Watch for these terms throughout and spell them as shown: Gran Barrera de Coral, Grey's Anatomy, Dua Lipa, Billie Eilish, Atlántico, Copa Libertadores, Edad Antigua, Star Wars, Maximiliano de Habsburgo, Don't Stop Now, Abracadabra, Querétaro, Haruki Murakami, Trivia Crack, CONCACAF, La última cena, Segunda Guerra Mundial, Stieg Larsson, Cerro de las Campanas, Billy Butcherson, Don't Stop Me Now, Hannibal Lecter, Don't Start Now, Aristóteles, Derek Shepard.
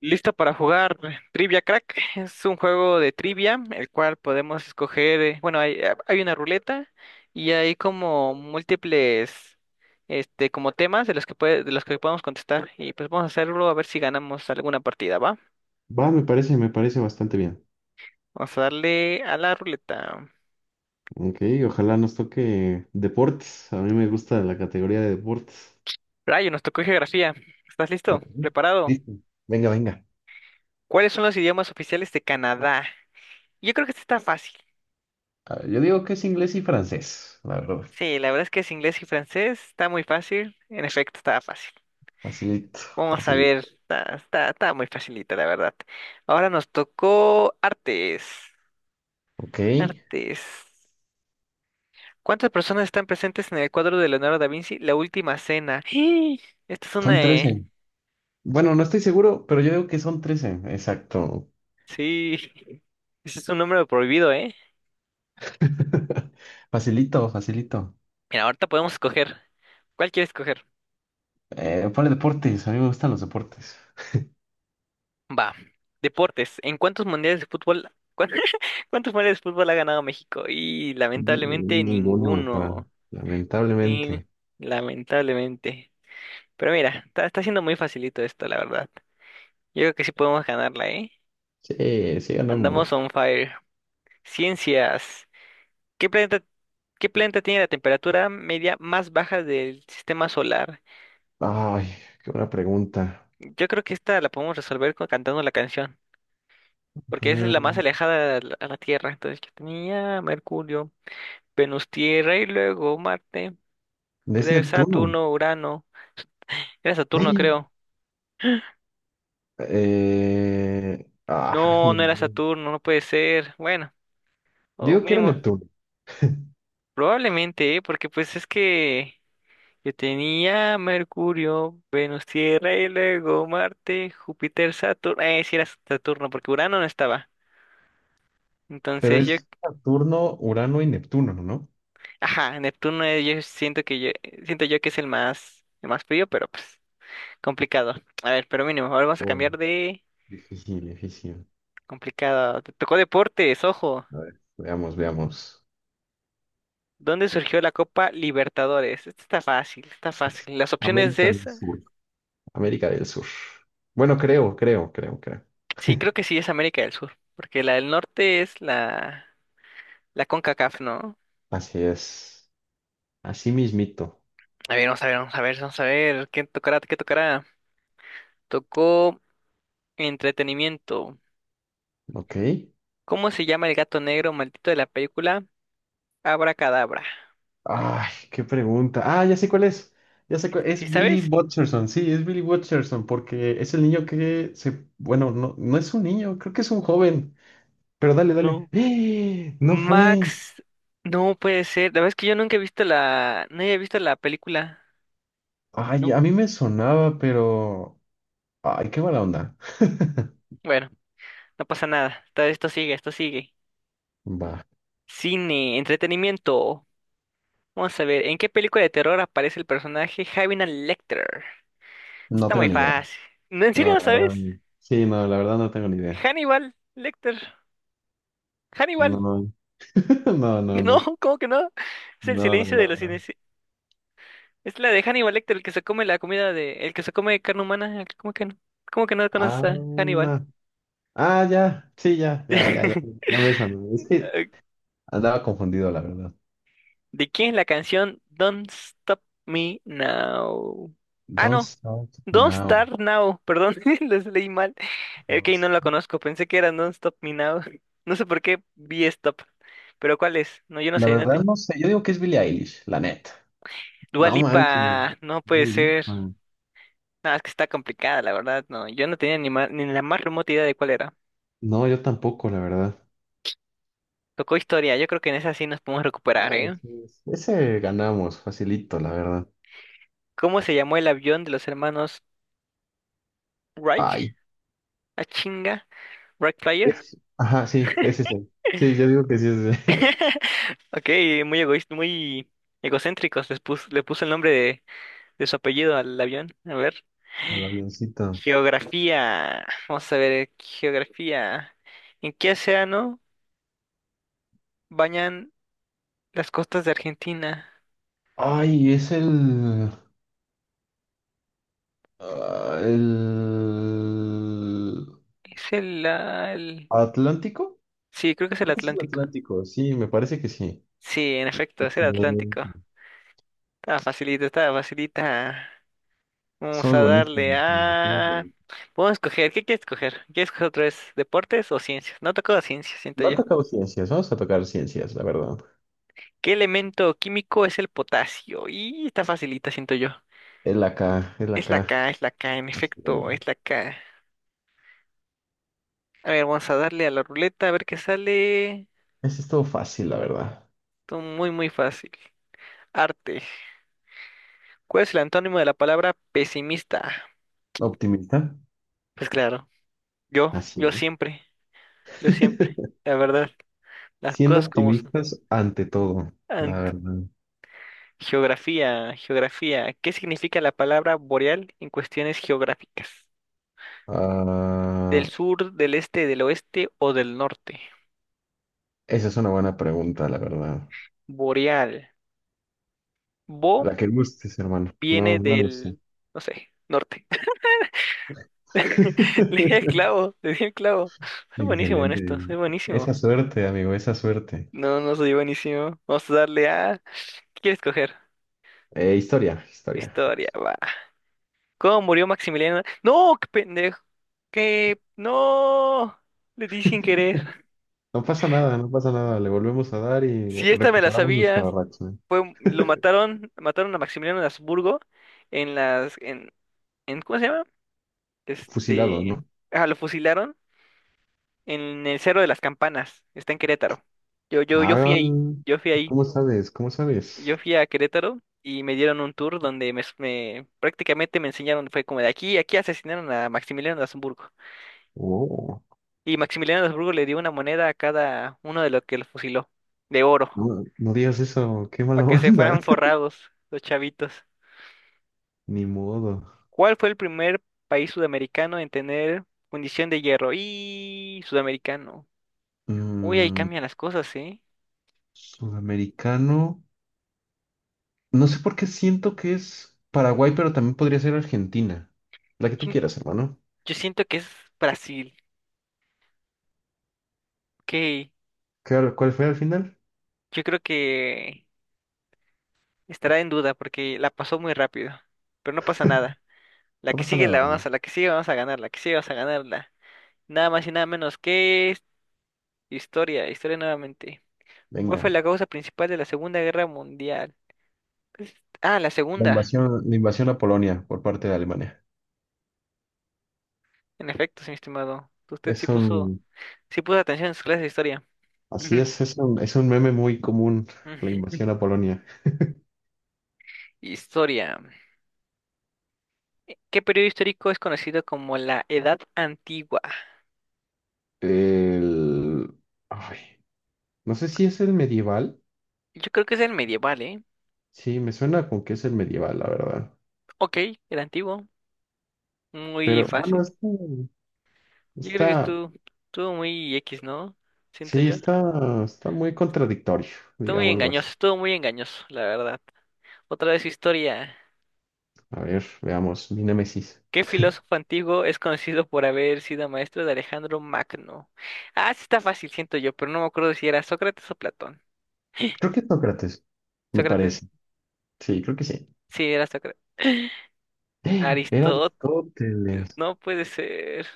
Listo para jugar Trivia Crack. Es un juego de trivia, el cual podemos escoger, bueno, hay, hay una ruleta y hay como múltiples, como temas de los que puede, de los que podemos contestar. Y pues vamos a hacerlo a ver si ganamos alguna partida, ¿va? Va, me parece bastante bien. Vamos a darle a la ruleta. Ok, ojalá nos toque deportes. A mí me gusta la categoría de deportes. Rayo, nos tocó geografía. ¿Estás listo? Ok, ¿Preparado? listo. Venga, venga. ¿Cuáles son los idiomas oficiales de Canadá? Yo creo que este está fácil. A ver, yo digo que es inglés y francés, la verdad. Sí, la verdad es que es inglés y francés. Está muy fácil. En efecto, está fácil. Facilito, Vamos a ver, facilito. Está muy facilita, la verdad. Ahora nos tocó artes. Ok, Artes. ¿Cuántas personas están presentes en el cuadro de Leonardo da Vinci? La última cena. ¡Ih! Esta es son una... eh, 13. Bueno, no estoy seguro, pero yo digo que son 13 exacto. Sí, ese es un número prohibido, ¿eh? Facilito, facilito. Mira, ahorita podemos escoger. ¿Cuál quieres escoger? Ponle deportes, a mí me gustan los deportes. Va. Deportes. ¿En cuántos mundiales de fútbol... cuán- ¿Cuántos mundiales de fútbol ha ganado México? Y Ni- lamentablemente Ninguno, pa. ninguno. Y Lamentablemente. lamentablemente. Pero mira, está siendo muy facilito esto, la verdad. Yo creo que sí podemos ganarla, ¿eh? Sí, sí ganamos. Andamos on fire. Ciencias. ¿Qué planeta, ¿qué planeta tiene la temperatura media más baja del sistema solar? Ay, qué buena pregunta. Yo creo que esta la podemos resolver cantando la canción, porque esa es la más Eh, alejada a a la Tierra. Entonces yo tenía Mercurio, Venus, Tierra y luego Marte, Es Júpiter, Neptuno. Saturno, Urano. Era Saturno, ¡Ay! creo. Ni No, no era idea. Saturno, no puede ser. Bueno, o Digo que era mínimo. Neptuno, Probablemente, ¿eh? Porque pues es que yo tenía Mercurio, Venus, Tierra y luego Marte, Júpiter, Saturno. Sí era Saturno, porque Urano no estaba. pero Entonces yo, es Saturno, Urano y Neptuno, ¿no? ajá, Neptuno, yo siento que yo, siento yo que es el más frío, pero pues complicado. A ver, pero mínimo, ahora vamos a Oh, cambiar de difícil, difícil. complicado. Te tocó deportes, ojo. A ver, veamos, veamos. ¿Dónde surgió la Copa Libertadores? Esta está fácil, está fácil. Las opciones América es, del Sur. América del Sur. Bueno, creo. sí, creo que sí es América del Sur. Porque la del norte es la la CONCACAF, ¿no? Así es. Así mismito. A ver, vamos a ver, vamos a ver, vamos a ver. ¿Qué tocará? ¿Qué tocará? Tocó entretenimiento. Ok. ¿Cómo se llama el gato negro maldito de la película? Abracadabra. Ay, qué pregunta. Ah, ya sé cuál es. Ya sé cuál ¿Sí es Billy sabes? Butcherson. Sí, es Billy Butcherson porque es el niño que se, bueno, no, no es un niño, creo que es un joven. Pero dale, dale. No. ¡Eh! No fue. Max. No puede ser. La verdad es que yo nunca he visto la. No he visto la película. No. Ay, a mí me sonaba, pero ay, qué mala onda. Bueno, no pasa nada. Todo esto sigue, esto sigue. Va, Cine, entretenimiento. Vamos a ver, ¿en qué película de terror aparece el personaje Javier Lecter? no Está tengo muy ni idea. fácil. ¿No, ¿en No, serio no la verdad. sabes? No. Sí, no, la verdad no tengo ni idea. Hannibal Lecter. Hannibal. No, no, no, no. No, No, ¿cómo que no? Es el no, la silencio de verdad los no. cines. Es la de Hannibal Lecter, el que se come la comida de... El que se come carne humana. ¿Cómo que no? ¿Cómo que no conoces a Hannibal? Ah, ya. Sí, ya, ya, ya, ya. Ya me sonó. Es que Eh, andaba confundido, la verdad. ¿De quién es la canción Don't Stop Me Now? Ah, Don't no. Stop Don't Now. Start Now. Perdón, les leí mal. Ok, No no la sé. conozco. Pensé que era Don't Stop Me Now. No sé por qué vi Stop. Pero ¿cuál es? No, yo no La sé. Verdad no sé, yo digo que es Billie Eilish, la neta. Dua No manches, Lipa. No Dua puede ser. Lipa. No, es que está complicada, la verdad, no. Yo no tenía ni, ni la más remota idea de cuál era. No, yo tampoco, la verdad. Tocó historia, yo creo que en esa sí nos podemos recuperar, ¿eh? Sí, sí. Ese ganamos, facilito, la verdad. ¿Cómo se llamó el avión de los hermanos Wright? Ay. ¿A chinga? ¿Wright Flyer? Ajá, sí, es ese. Sí, yo digo que sí es ese. Ok, muy egoísta, muy egocéntricos. Le puso el nombre de su apellido al avión. A ver. Al avioncito. Geografía. Vamos a ver, geografía. ¿En qué océano bañan las costas de Argentina? Ay, es el... ah, el... Es el, ah, el- ¿Atlántico? Sí, creo que es el Creo que es el Atlántico. Atlántico, sí, me parece que sí. Sí, en efecto, es el Atlántico. Excelente. Está facilita, está facilita. Vamos Somos a darle buenísimos. a... Vamos a escoger, ¿qué quieres escoger? ¿Quieres escoger otra vez deportes o ciencias? No tocó ciencias, siento No ha yo. tocado ciencias, vamos a tocar ciencias, la verdad. ¿Qué elemento químico es el potasio? Y está facilita, siento yo. Es la K, es la Es la K. K, es la K, en Así efecto, es la K. A ver, vamos a darle a la ruleta a ver qué sale. es. Es todo fácil, la verdad. Esto muy, muy fácil. Arte. ¿Cuál es el antónimo de la palabra pesimista? ¿Optimista? Pues claro, yo, yo Así siempre, yo es. siempre, la verdad. Las Siendo cosas como son. optimistas ante todo, la Ant- verdad. Geografía, geografía. ¿Qué significa la palabra boreal en cuestiones geográficas? ¿Del Ah, sur, del este, del oeste o del norte? Esa es una buena pregunta, la verdad. Boreal. Bo La que gustes, hermano. No, Viene no lo sé. del, no sé, norte. Le di el clavo, le di el clavo. Soy buenísimo en esto, Excelente. soy buenísimo. Esa suerte, amigo, esa suerte. No, no soy buenísimo. Vamos a darle a... ¿Qué quieres coger? Historia, historia. Historia, va. ¿Cómo murió Maximiliano? No, qué pendejo. ¿Qué? No. Le di sin querer. No pasa nada, no pasa nada. Le volvemos a dar y Si esta me la recuperamos sabía, nuestra racha. fue, lo mataron, mataron a Maximiliano de Habsburgo en las, en, ¿cómo se llama? Fusilado, Este, ¿no? Lo fusilaron en el Cerro de las Campanas, está en Querétaro. Yo, yo, yo fui Ah, ahí, yo fui ahí, ¿cómo sabes? ¿Cómo yo sabes? fui a Querétaro y me dieron un tour donde prácticamente me enseñaron, fue como de aquí, aquí asesinaron a Maximiliano de Habsburgo. Oh, Y Maximiliano de Habsburgo le dio una moneda a cada uno de los que lo fusiló, de oro, no, no digas eso, qué para mala que se onda. fueran forrados los chavitos. Ni modo. ¿Cuál fue el primer país sudamericano en tener fundición de hierro? Y sudamericano. Uy, ahí Mm, cambian las cosas, ¿eh? sudamericano. No sé por qué siento que es Paraguay, pero también podría ser Argentina. La que tú Chin- quieras, hermano. Yo siento que es Brasil. Ok, ¿Cuál fue al final? yo creo que estará en duda porque la pasó muy rápido. Pero no pasa nada. La No que pasa sigue la nada. vamos a, la que sigue vamos a ganar, La que sigue vamos a ganarla. Nada más y nada menos que historia, historia nuevamente. ¿Cuál Venga. fue la causa principal de la Segunda Guerra Mundial? Pues, ah, la La segunda. invasión, la invasión a Polonia por parte de Alemania. En efecto, sí, mi estimado. Usted sí Es puso. un, Sí puse atención en sus clases de historia. Así es, es un meme muy común, la invasión a Polonia. Historia. ¿Qué periodo histórico es conocido como la Edad Antigua? El... Ay, no sé si es el medieval. Yo creo que es el medieval, ¿eh? Sí, me suena con que es el medieval, la verdad. Ok, el antiguo. Muy Pero bueno, fácil. Yo creo que está, estuvo, Estuvo muy X, ¿no? Siento sí, yo. Está muy contradictorio, digámoslo así. Estuvo muy engañoso, la verdad. Otra vez historia. A ver, veamos, mi némesis. ¿Qué filósofo antiguo es conocido por haber sido maestro de Alejandro Magno? Ah, sí está fácil, siento yo, pero no me acuerdo si era Sócrates o Platón. Creo que es Sócrates, me Sócrates. parece. Sí, creo que sí. Sí, era Sócrates. Era Aristóteles, Aristóteles. no puede ser.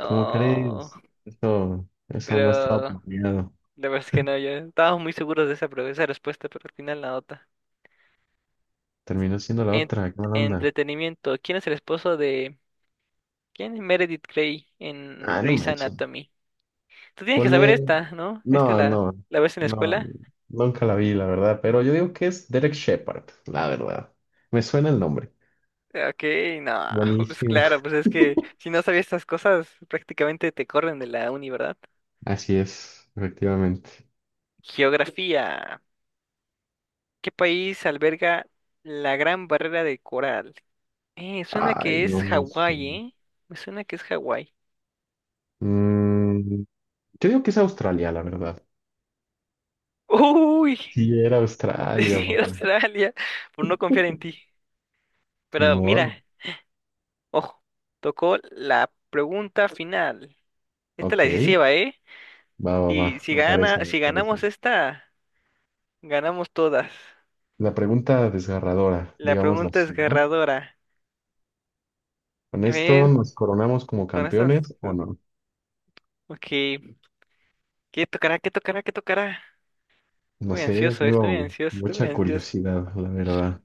¿Cómo crees? Eso no pero estaba la planeado. verdad es que no, yo estábamos muy seguros de esa, esa respuesta, pero al final la otra. Terminó siendo la En- otra, qué mala onda. Entretenimiento, ¿quién es el esposo de... ¿Quién es Meredith Grey en Ah, no Grey's manches. Anatomy? Tú tienes que saber Ponle. esta, ¿no? ¿Esta No, no, la ves en la no, escuela? nunca la vi, la verdad. Pero yo digo que es Derek Shepard, la verdad. Me suena el nombre. Ok, no, pues Buenísimo. claro, pues es que si no sabías estas cosas, prácticamente te corren de la uni, ¿verdad? Así es, efectivamente. Geografía. ¿Qué país alberga la Gran Barrera de Coral? Suena Ay, que es no, no sé. Hawái, ¿eh? Me suena que es Hawái. Mm, yo digo que es Australia, la verdad. Uy, Sí, era Australia, sí, papá. Australia, por no confiar en ti. Ni Pero mira, modo. ojo, tocó la pregunta final. Esta es la Ok, decisiva, ¿eh? va, va, va. Me parece, me Si parece. ganamos esta, ganamos todas. La pregunta desgarradora, La digámoslo pregunta así, ¿no? desgarradora. ¿Con A esto ver, nos coronamos como con estas. campeones o eh, no? Ok, ¿qué tocará? ¿Qué tocará? ¿Qué tocará? Estoy No muy sé, yo ansioso, estoy muy tengo ansioso, estoy muy mucha ansioso. curiosidad, la verdad.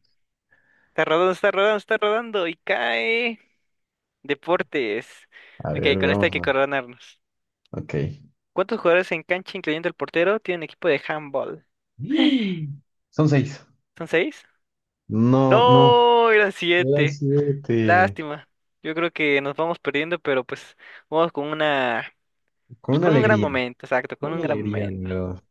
Está rodando, está rodando, está rodando y cae. Deportes. A Ok, ver, con esta hay veamos. que ¿No? coronarnos. Ok. ¿Cuántos jugadores en cancha, incluyendo el portero, tiene un equipo de handball? ¡Y! Son 6. ¿Son 6? No, no. No, eran Eran 7. 7. Lástima. Yo creo que nos vamos perdiendo, pero pues vamos con una, Con pues una con un gran alegría. momento, exacto, con Con un una gran alegría, momento. la verdad. Te